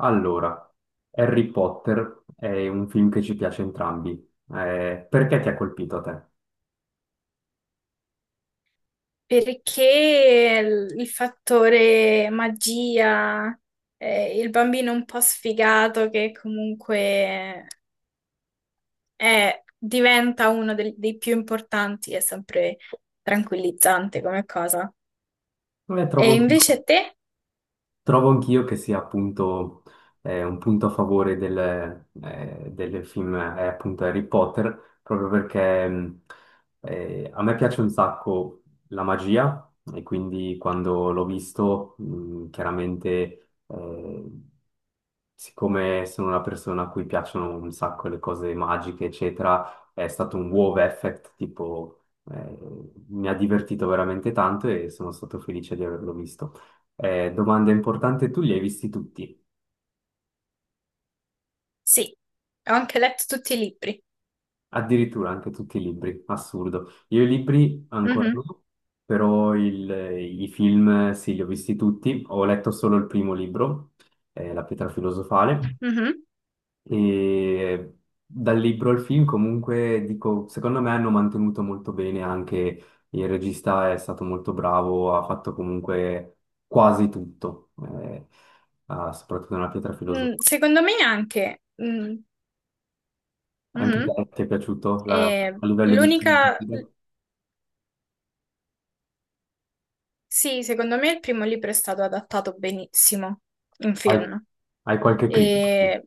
Allora, Harry Potter è un film che ci piace entrambi. Perché ti ha colpito a te? Perché il fattore magia, il bambino un po' sfigato che comunque diventa uno dei più importanti è sempre tranquillizzante come cosa. Eh, E trovo anch'io, invece te? trovo anch'io che sia appunto un punto a favore del film è appunto Harry Potter, proprio perché a me piace un sacco la magia e quindi quando l'ho visto chiaramente siccome sono una persona a cui piacciono un sacco le cose magiche, eccetera, è stato un wow effect, tipo, eh, mi ha divertito veramente tanto e sono stato felice di averlo visto. Domanda importante, tu li hai visti tutti, Sì, ho anche letto tutti i libri. addirittura anche tutti i libri, assurdo. Io i libri ancora Mhm, no, però i film sì, li ho visti tutti, ho letto solo il primo libro, La pietra filosofale. mhm. E dal libro al film, comunque, dico, secondo me hanno mantenuto molto bene anche il regista è stato molto bravo, ha fatto comunque quasi tutto, eh, soprattutto nella pietra Mm, filosofica. secondo me anche. Mm, Anche mhm. te ti è piaciuto E a livello di l'unica. sceneggiatura? Sì, secondo me il primo libro è stato adattato benissimo in Hai, film. hai qualche critica? E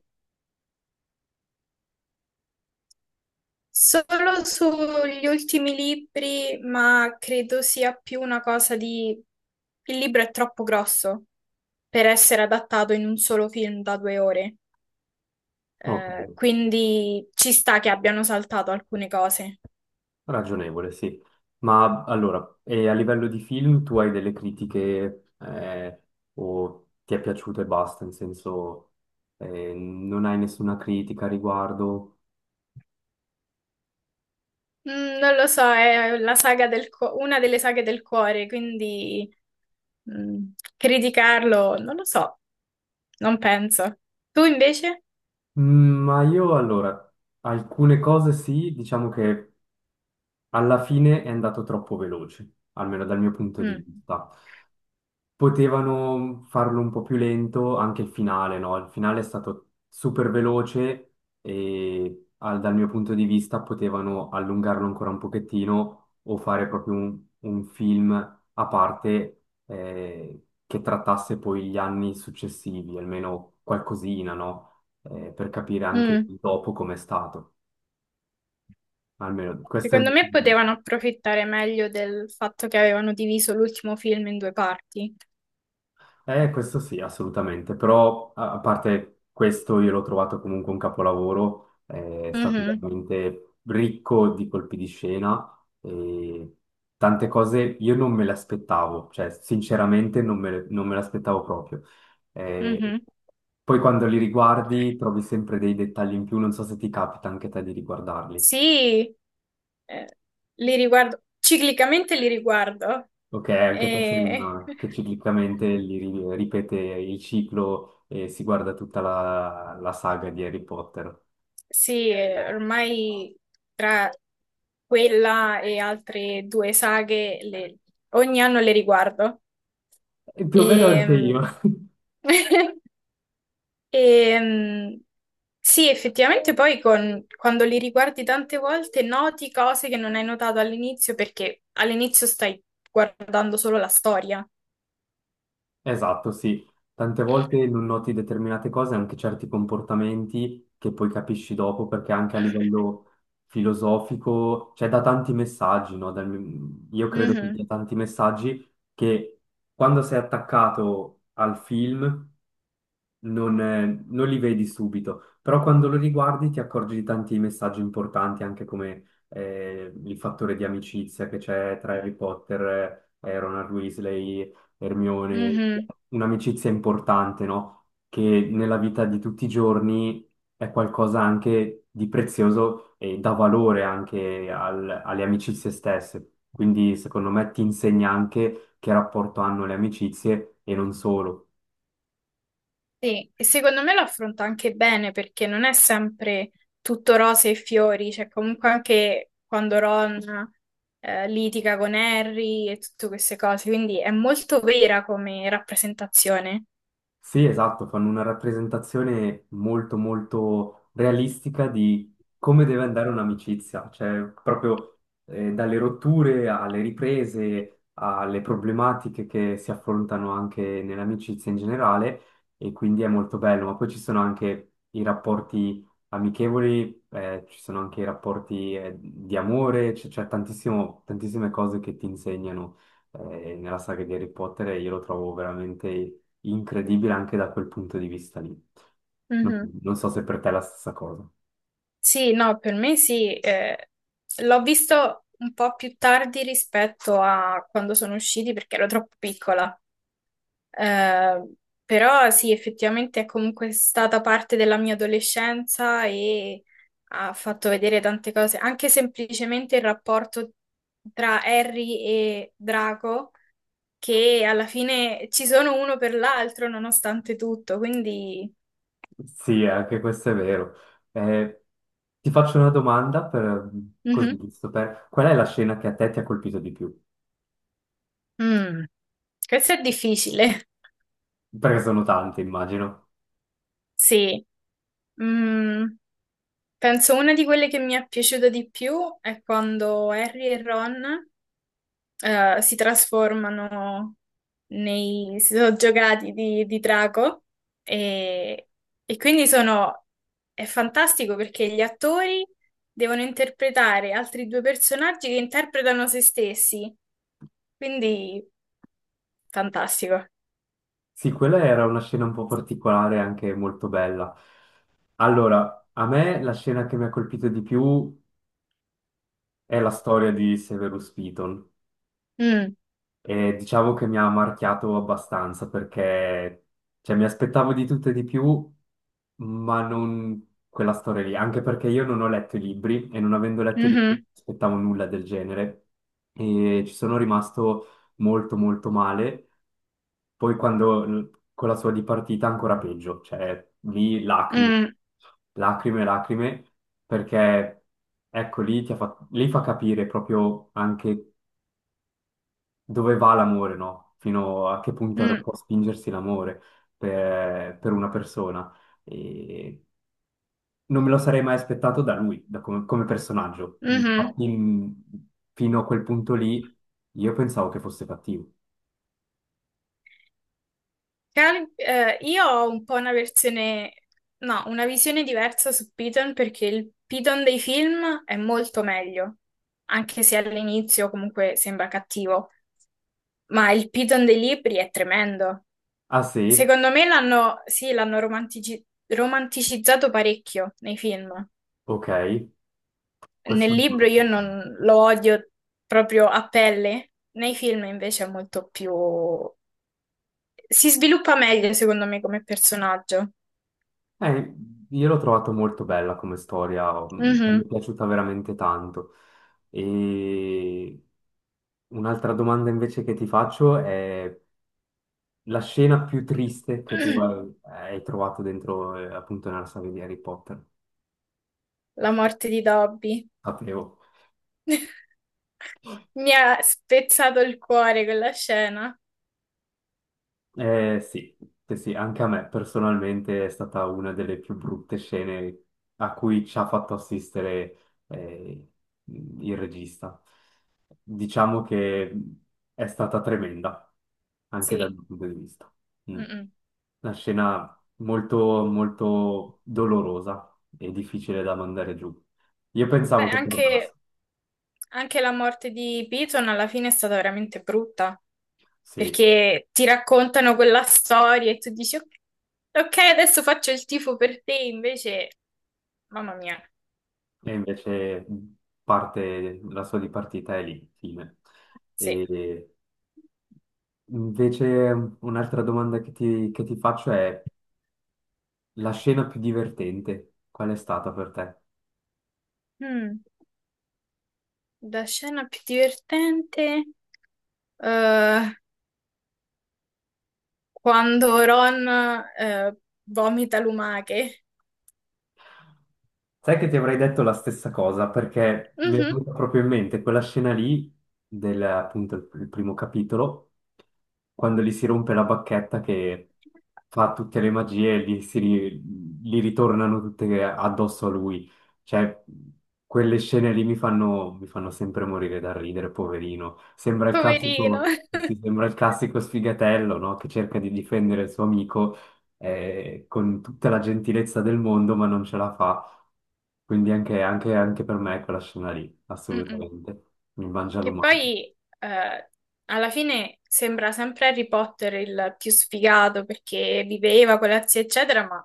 solo sugli ultimi libri, ma credo sia più una cosa di. Il libro è troppo grosso per essere adattato in un solo film da due ore, Ok. Quindi ci sta che abbiano saltato alcune cose. Ragionevole, sì. Ma allora, e a livello di film tu hai delle critiche o ti è piaciuto e basta, in senso non hai nessuna critica a riguardo? Non lo so, è la saga una delle saghe del cuore, quindi criticarlo, non lo so, non penso. Tu invece? Ma io allora, alcune cose sì, diciamo che alla fine è andato troppo veloce, almeno dal mio punto di Mm, vista. Potevano farlo un po' più lento anche il finale, no? Il finale è stato super veloce e dal mio punto di vista potevano allungarlo ancora un pochettino o fare proprio un film a parte che trattasse poi gli anni successivi, almeno qualcosina, no? Per capire anche mm. il dopo com'è stato. Almeno questo è il Secondo mio me punto di vista. potevano approfittare meglio del fatto che avevano diviso l'ultimo film in due parti. Questo sì, assolutamente, però a parte questo io l'ho trovato comunque un capolavoro, è stato Mhm, veramente ricco di colpi di scena e tante cose io non me le aspettavo, cioè sinceramente non me le aspettavo proprio. Eh, mhm. poi quando li riguardi trovi sempre dei dettagli in più, non so se ti capita anche a te di riguardarli. Sì, eh, li riguardo, ciclicamente li riguardo. Ok, anche te sei E... uno che ciclicamente ripete il ciclo e si guarda tutta la saga di Harry Potter. Sì, ormai tra quella e altre due saghe ogni anno le riguardo. E più o meno E... anche io. E, sì, effettivamente poi quando li riguardi tante volte noti cose che non hai notato all'inizio perché all'inizio stai guardando solo la storia. Esatto, sì. Tante volte non noti determinate cose, anche certi comportamenti che poi capisci dopo, perché anche a livello filosofico, cioè da tanti messaggi, no? Io credo che Mhm, dia tanti messaggi che quando sei attaccato al film non li vedi subito, però quando lo riguardi ti accorgi di tanti messaggi importanti, anche come il fattore di amicizia che c'è tra Harry Potter, Ronald Weasley, Hermione, mhm. un'amicizia importante, no? Che nella vita di tutti i giorni è qualcosa anche di prezioso e dà valore anche alle amicizie stesse. Quindi secondo me ti insegna anche che rapporto hanno le amicizie e non solo. Sì, e secondo me lo affronta anche bene perché non è sempre tutto rose e fiori, cioè comunque anche quando Ron litiga con Harry e tutte queste cose, quindi è molto vera come rappresentazione. Sì, esatto, fanno una rappresentazione molto molto realistica di come deve andare un'amicizia, cioè proprio dalle rotture alle riprese, alle problematiche che si affrontano anche nell'amicizia in generale e quindi è molto bello, ma poi ci sono anche i rapporti amichevoli, ci sono anche i rapporti di amore, tantissime cose che ti insegnano nella saga di Harry Potter e io lo trovo veramente incredibile anche da quel punto di vista lì. Non, non so se per te è la stessa cosa. Sì, no, per me sì, l'ho visto un po' più tardi rispetto a quando sono usciti perché ero troppo piccola. Eh, Però sì, effettivamente è comunque stata parte della mia adolescenza e ha fatto vedere tante cose, anche semplicemente il rapporto tra Harry e Draco, che alla fine ci sono uno per l'altro nonostante tutto, quindi. Sì, anche questo è vero. Eh, ti faccio una domanda per, così, Mhm. giusto per. Qual è la scena che a te ti ha colpito di più? Mm. Questo è difficile, Perché sono tante, immagino. sì. Mm, penso una di quelle che mi è piaciuta di più è quando Harry e Ron si trasformano nei si sono giocati di drago e, e quindi sono è fantastico perché gli attori devono interpretare altri due personaggi che interpretano se stessi, quindi fantastico. Sì, quella era una scena un po' particolare, anche molto bella. Allora, a me la scena che mi ha colpito di più è la storia di Severus Piton. Mm, E diciamo che mi ha marchiato abbastanza perché cioè, mi aspettavo di tutto e di più, ma non quella storia lì, anche perché io non ho letto i libri e non avendo letto i libri mhm, non aspettavo nulla del genere e ci sono rimasto molto molto male. Poi quando con la sua dipartita ancora peggio, cioè lì lacrime, mm, lacrime, lacrime, perché ecco lì, lì fa capire proprio anche dove va l'amore, no? Fino a che punto mm, può spingersi l'amore per una persona. E non me lo sarei mai aspettato da lui, da come personaggio. mhm. Infatti, fino a quel punto lì, io pensavo che fosse cattivo. Io ho un po' una versione, no, una visione diversa su Piton, perché il Piton dei film è molto meglio, anche se all'inizio comunque sembra cattivo, ma il Piton dei libri è tremendo. Ah sì? Secondo me l'hanno, sì, l'hanno romanticizzato parecchio nei film. Ok, Nel questo. libro io non lo odio proprio a pelle, nei film invece è molto più. Si sviluppa meglio secondo me come personaggio. Eh, io l'ho trovato molto bella come storia, mi è Mhm. piaciuta veramente tanto. E un'altra domanda invece che ti faccio è la scena più triste che tu hai trovato dentro, appunto, nella saga di Harry Potter. La morte di Dobby. Sapevo. Mi ha spezzato il cuore quella scena. Sì, sì, sì, anche a me personalmente è stata una delle più brutte scene a cui ci ha fatto assistere, il regista. Diciamo che è stata tremenda, anche dal Sì. mio punto di vista. Mm. Mm-mm. Una scena molto, molto dolorosa e difficile da mandare giù. Io Beh, pensavo che tornasse. anche la morte di Piton alla fine è stata veramente brutta, Sì, perché ti raccontano quella storia e tu dici, "Ok, ok, adesso faccio il tifo per te", invece, mamma mia, e invece parte, la sua di partita è lì, fine. sì. E invece un'altra domanda che ti faccio è la scena più divertente, qual è stata per te? Mm. La scena più divertente, eh, quando Ron, eh, vomita lumache. Sai che ti avrei detto la stessa cosa perché mi è Mhm. venuta proprio in mente quella scena lì del appunto il primo capitolo, quando gli si rompe la bacchetta che fa tutte le magie e gli ritornano tutte addosso a lui. Cioè, quelle scene lì mi fanno sempre morire da ridere, poverino. Sembra il Poverino. classico, sì, sembra il classico sfigatello, no? Che cerca di difendere il suo amico con tutta la gentilezza del mondo, ma non ce la fa. Quindi anche per me è quella scena lì, Mm-mm. assolutamente. Mi mangia Che l'umato. poi eh, alla fine sembra sempre Harry Potter il più sfigato perché viveva con la zia, eccetera, ma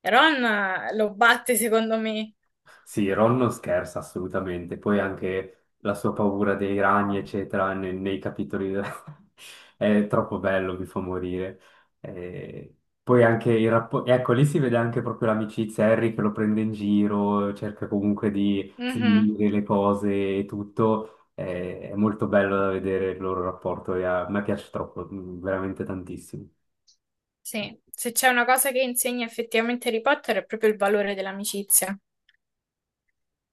Ron lo batte secondo me. Sì, Ron non scherza assolutamente, poi anche la sua paura dei ragni, eccetera, nei capitoli è troppo bello, mi fa morire. Eh, poi anche il rapporto, ecco, lì si vede anche proprio l'amicizia, Harry che lo prende in giro, cerca comunque di Mhm. sminuire le cose e tutto, è molto bello da vedere il loro rapporto e a me piace troppo, veramente tantissimo. Sì, se c'è una cosa che insegna effettivamente Harry Potter è proprio il valore dell'amicizia.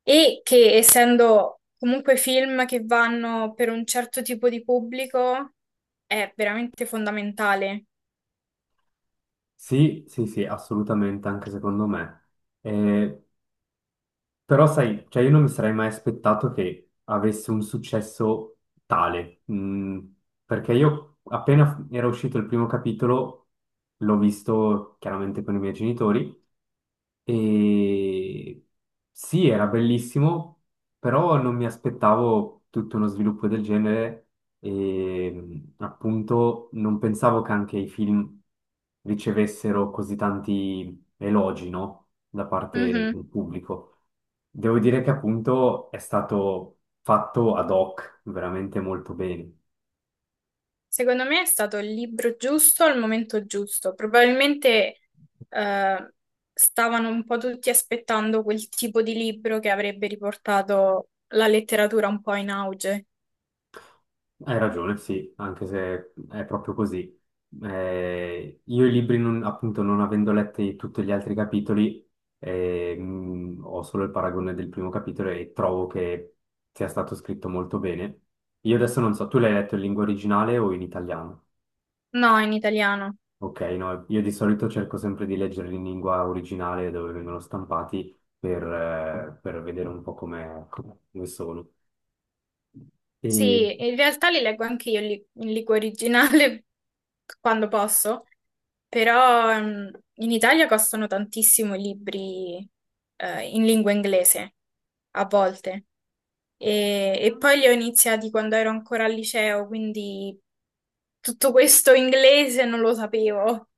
E che, essendo comunque film che vanno per un certo tipo di pubblico, è veramente fondamentale. Sì, sì, sì, assolutamente, anche secondo me. Eh, Però sai, cioè io non mi sarei mai aspettato che avesse un successo tale, perché io appena era uscito il primo capitolo l'ho visto chiaramente con i miei genitori e sì, era bellissimo, però non mi aspettavo tutto uno sviluppo del genere e appunto non pensavo che anche i film ricevessero così tanti elogi, no? Da parte Mhm. del pubblico. Devo dire che appunto è stato fatto ad hoc, veramente molto bene. Secondo me è stato il libro giusto al momento giusto. Probabilmente eh, stavano un po' tutti aspettando quel tipo di libro che avrebbe riportato la letteratura un po' in auge. Hai ragione, sì, anche se è proprio così. Io i libri, appunto, non avendo letti tutti gli altri capitoli, ho solo il paragone del primo capitolo e trovo che sia stato scritto molto bene. Io adesso non so, tu l'hai letto in lingua originale o in italiano? No, in italiano. Ok, no, io di solito cerco sempre di leggerli in lingua originale dove vengono stampati per vedere un po' come sono. E Sì, in realtà li leggo anche io in lingua originale quando posso, però in Italia costano tantissimo i libri in lingua inglese, a volte. E poi li ho iniziati quando ero ancora al liceo, quindi tutto questo inglese non lo sapevo.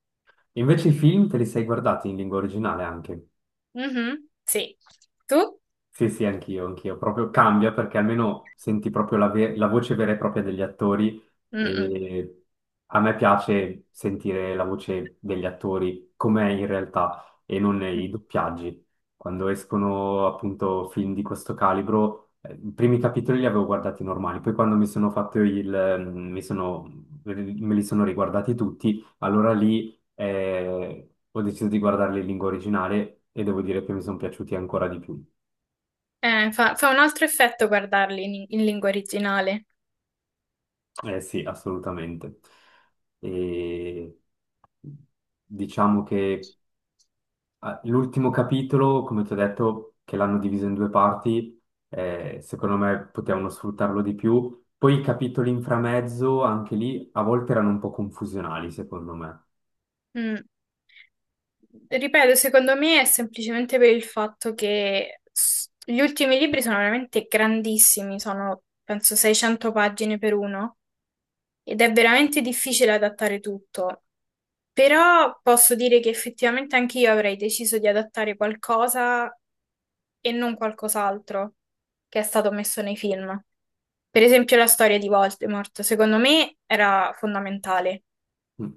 invece i film te li sei guardati in lingua originale anche? Mhm, sì. Tu? Sì, sì, anch'io, anch'io. Proprio cambia perché almeno senti proprio la voce vera e propria degli attori Mm-mm. e a me piace sentire la voce degli attori com'è in realtà e non i doppiaggi. Quando escono appunto film di questo calibro, i primi capitoli li avevo guardati normali, poi quando mi sono fatto il. mm, mi sono, Me li sono riguardati tutti, allora lì ho deciso di guardarli in lingua originale e devo dire che mi sono piaciuti ancora di più. Fa un altro effetto guardarli in lingua originale. Eh sì, assolutamente. E diciamo che l'ultimo capitolo, come ti ho detto, che l'hanno diviso in due parti, secondo me potevano sfruttarlo di più. Poi i capitoli in framezzo, anche lì, a volte erano un po' confusionali, secondo me. Mm. Ripeto, secondo me è semplicemente per il fatto che gli ultimi libri sono veramente grandissimi, sono penso 600 pagine per uno, ed è veramente difficile adattare tutto. Però posso dire che effettivamente anche io avrei deciso di adattare qualcosa e non qualcos'altro che è stato messo nei film. Per esempio la storia di Voldemort, secondo me era fondamentale.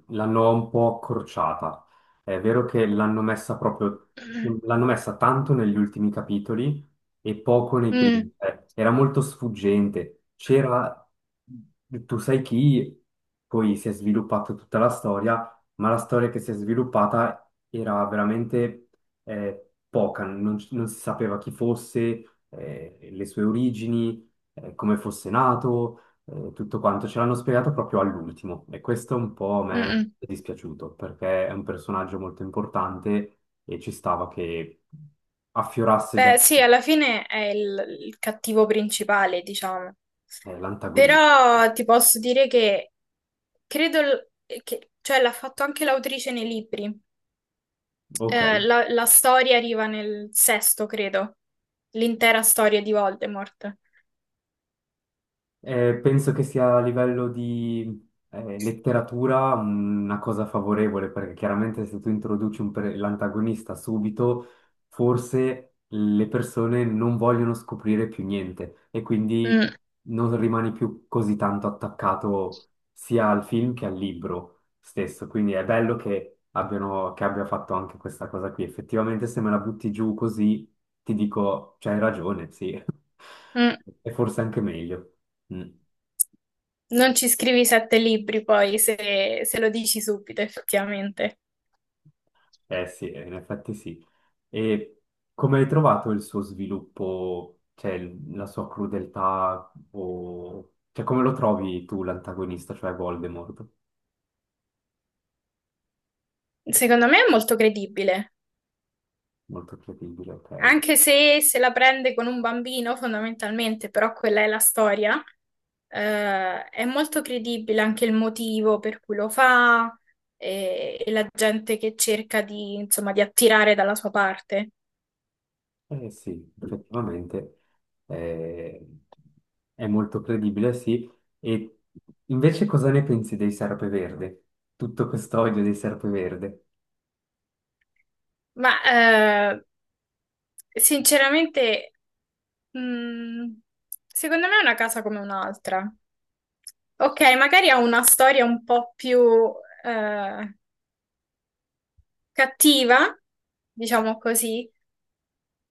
L'hanno un po' accorciata. È vero che Mm, l'hanno messa tanto negli ultimi capitoli e poco nei primi. Era molto sfuggente. C'era tu sai chi, poi si è sviluppata tutta la storia, ma la storia che si è sviluppata era veramente poca, non si sapeva chi fosse, le sue origini, come fosse nato tutto quanto ce l'hanno spiegato proprio all'ultimo e questo un po' a mm, me mm. è dispiaciuto perché è un personaggio molto importante e ci stava che affiorasse già Beh, sì, alla fine è il cattivo principale, diciamo. L'antagonista. Però ti posso dire che credo che, cioè l'ha fatto anche l'autrice nei libri. Ok, La storia arriva nel sesto, credo. L'intera storia di Voldemort. Penso che sia a livello di letteratura una cosa favorevole, perché chiaramente se tu introduci un l'antagonista subito, forse le persone non vogliono scoprire più niente e quindi Mm, non rimani più così tanto attaccato sia al film che al libro stesso. Quindi è bello che abbiano, che abbia fatto anche questa cosa qui. Effettivamente, se me la butti giù così, ti dico, c'hai ragione, sì, mm. e forse anche meglio. Mm. Non ci scrivi sette libri poi se, lo dici subito, effettivamente. Eh sì, in effetti sì. E come hai trovato il suo sviluppo, cioè la sua crudeltà, o, cioè come lo trovi tu l'antagonista, cioè Voldemort? Secondo me è molto credibile, Molto credibile, ok. anche se se la prende con un bambino, fondamentalmente, però quella è la storia. È molto credibile anche il motivo per cui lo fa e la gente che cerca di, insomma, di attirare dalla sua parte. Eh sì, effettivamente eh, è molto credibile, sì. E invece cosa ne pensi dei Serpeverde? Tutto questo odio dei Serpeverde? Ma eh, Sinceramente, mm, secondo me è una casa come un'altra. Ok, magari ha una storia un po' più eh, cattiva, diciamo così,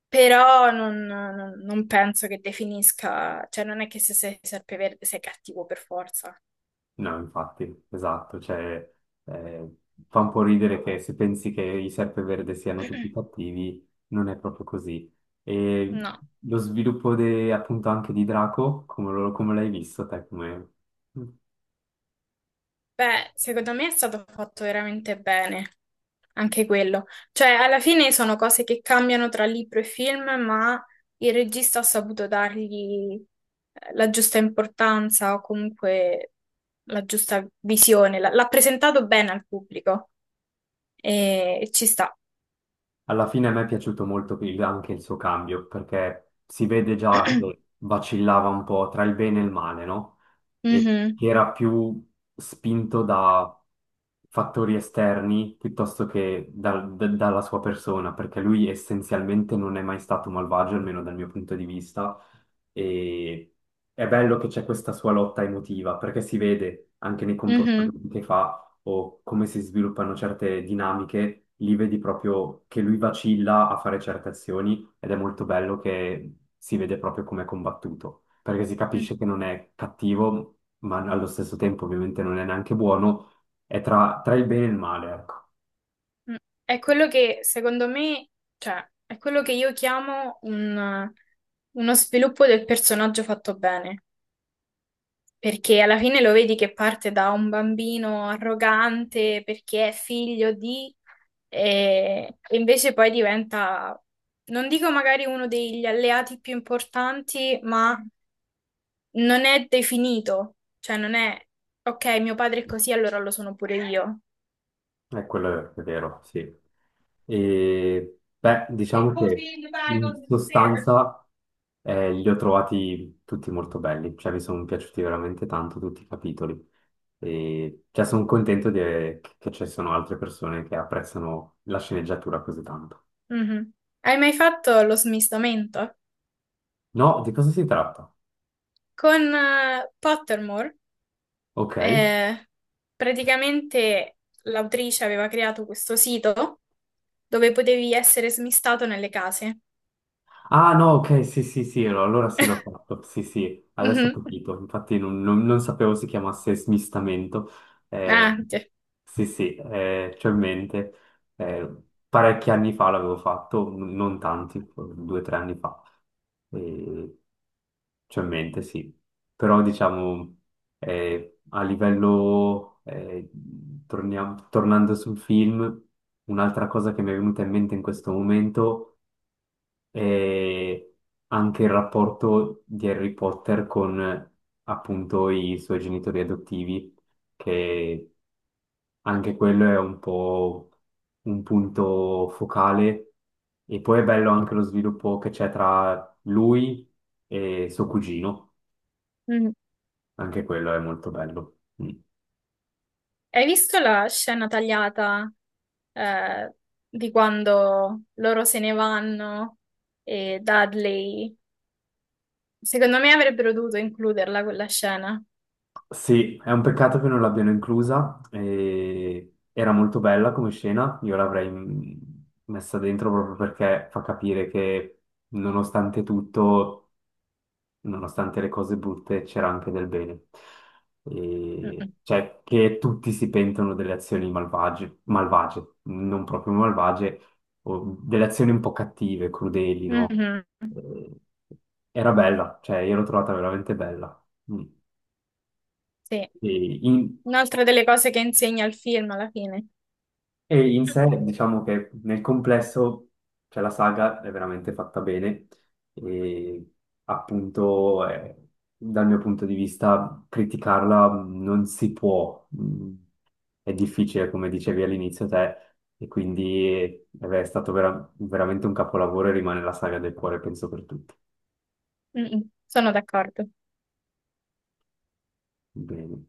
però non penso che definisca, cioè non è che se sei serpeverde sei cattivo per forza. No, infatti, esatto, cioè, eh, fa un po' ridere che se pensi che i Serpeverde siano tutti cattivi, non è proprio così. E No. lo sviluppo appunto anche di Draco, come, come l'hai visto te, come. Beh, secondo me è stato fatto veramente bene. Anche quello. Cioè, alla fine sono cose che cambiano tra libro e film, ma il regista ha saputo dargli la giusta importanza o comunque la giusta visione. L'ha presentato bene al pubblico e ci sta. Alla fine a me è piaciuto molto anche il suo cambio, perché si vede già che vacillava un po' tra il bene e il male, no? E Mhm, che era più spinto da fattori esterni piuttosto che dalla sua persona, perché lui essenzialmente non è mai stato malvagio, almeno dal mio punto di vista, e è bello che c'è questa sua lotta emotiva, perché si vede anche nei mhm, comportamenti che fa o come si sviluppano certe dinamiche, lì vedi proprio che lui vacilla a fare certe azioni ed è molto bello che si vede proprio come è combattuto, perché si mm, capisce che non è cattivo, ma allo stesso tempo ovviamente non è neanche buono, è tra il bene e il male, ecco. mm. È quello che secondo me, cioè, è quello che io chiamo uno sviluppo del personaggio fatto bene. Perché alla fine lo vedi che parte da un bambino arrogante perché è figlio di, e invece poi diventa, non dico magari uno degli alleati più importanti, ma non è definito, cioè non è, ok, mio padre è così, allora lo sono pure io. È quello è vero, sì. E beh, It diciamo could che be in the bag in on the stairs. sostanza li ho trovati tutti molto belli, cioè mi sono piaciuti veramente tanto tutti i capitoli. E cioè, sono contento che ci sono altre persone che apprezzano la sceneggiatura così tanto. Mhm. Hai mai fatto lo smistamento? No, di cosa si tratta? Con Pottermore? Ok. Eh, praticamente l'autrice aveva creato questo sito dove potevi essere smistato nelle case. Ah no, ok, sì, sì, sì, no, allora sì l'ho fatto, sì, sì, adesso ho Mhm. capito, infatti non sapevo si chiamasse smistamento, Eh, Ah, sì. sì, sì, c'ho in mente, Eh, parecchi anni fa l'avevo fatto, non tanti, 2 o 3 anni fa, Eh, c'ho in mente, sì, però diciamo a livello, tornando sul film, un'altra cosa che mi è venuta in mente in questo momento e anche il rapporto di Harry Potter con appunto i suoi genitori adottivi, che anche quello è un po' un punto focale. E poi è bello anche lo sviluppo che c'è tra lui e suo cugino, Mhm. anche quello è molto bello. Mm. Hai visto la scena tagliata, eh, di quando loro se ne vanno e Dudley? Secondo me avrebbero dovuto includerla quella scena. Sì, è un peccato che non l'abbiano inclusa. E era molto bella come scena, io l'avrei messa dentro proprio perché fa capire che nonostante tutto, nonostante le cose brutte, c'era anche del bene. Mhm, Cioè, che tutti si pentono delle azioni malvagie, malvagie, non proprio malvagie, o delle azioni un po' cattive, crudeli, no? mhm. Eh, Era bella, cioè io l'ho trovata veramente bella. Mm. Sì, E in- un'altra delle cose che insegna il film alla fine. E in sé diciamo che nel complesso cioè, la saga è veramente fatta bene e appunto dal mio punto di vista criticarla non si può, è difficile come dicevi all'inizio te e quindi è stato veramente un capolavoro e rimane la saga del cuore penso per tutti. Mm-mm. Sono d'accordo. Bene.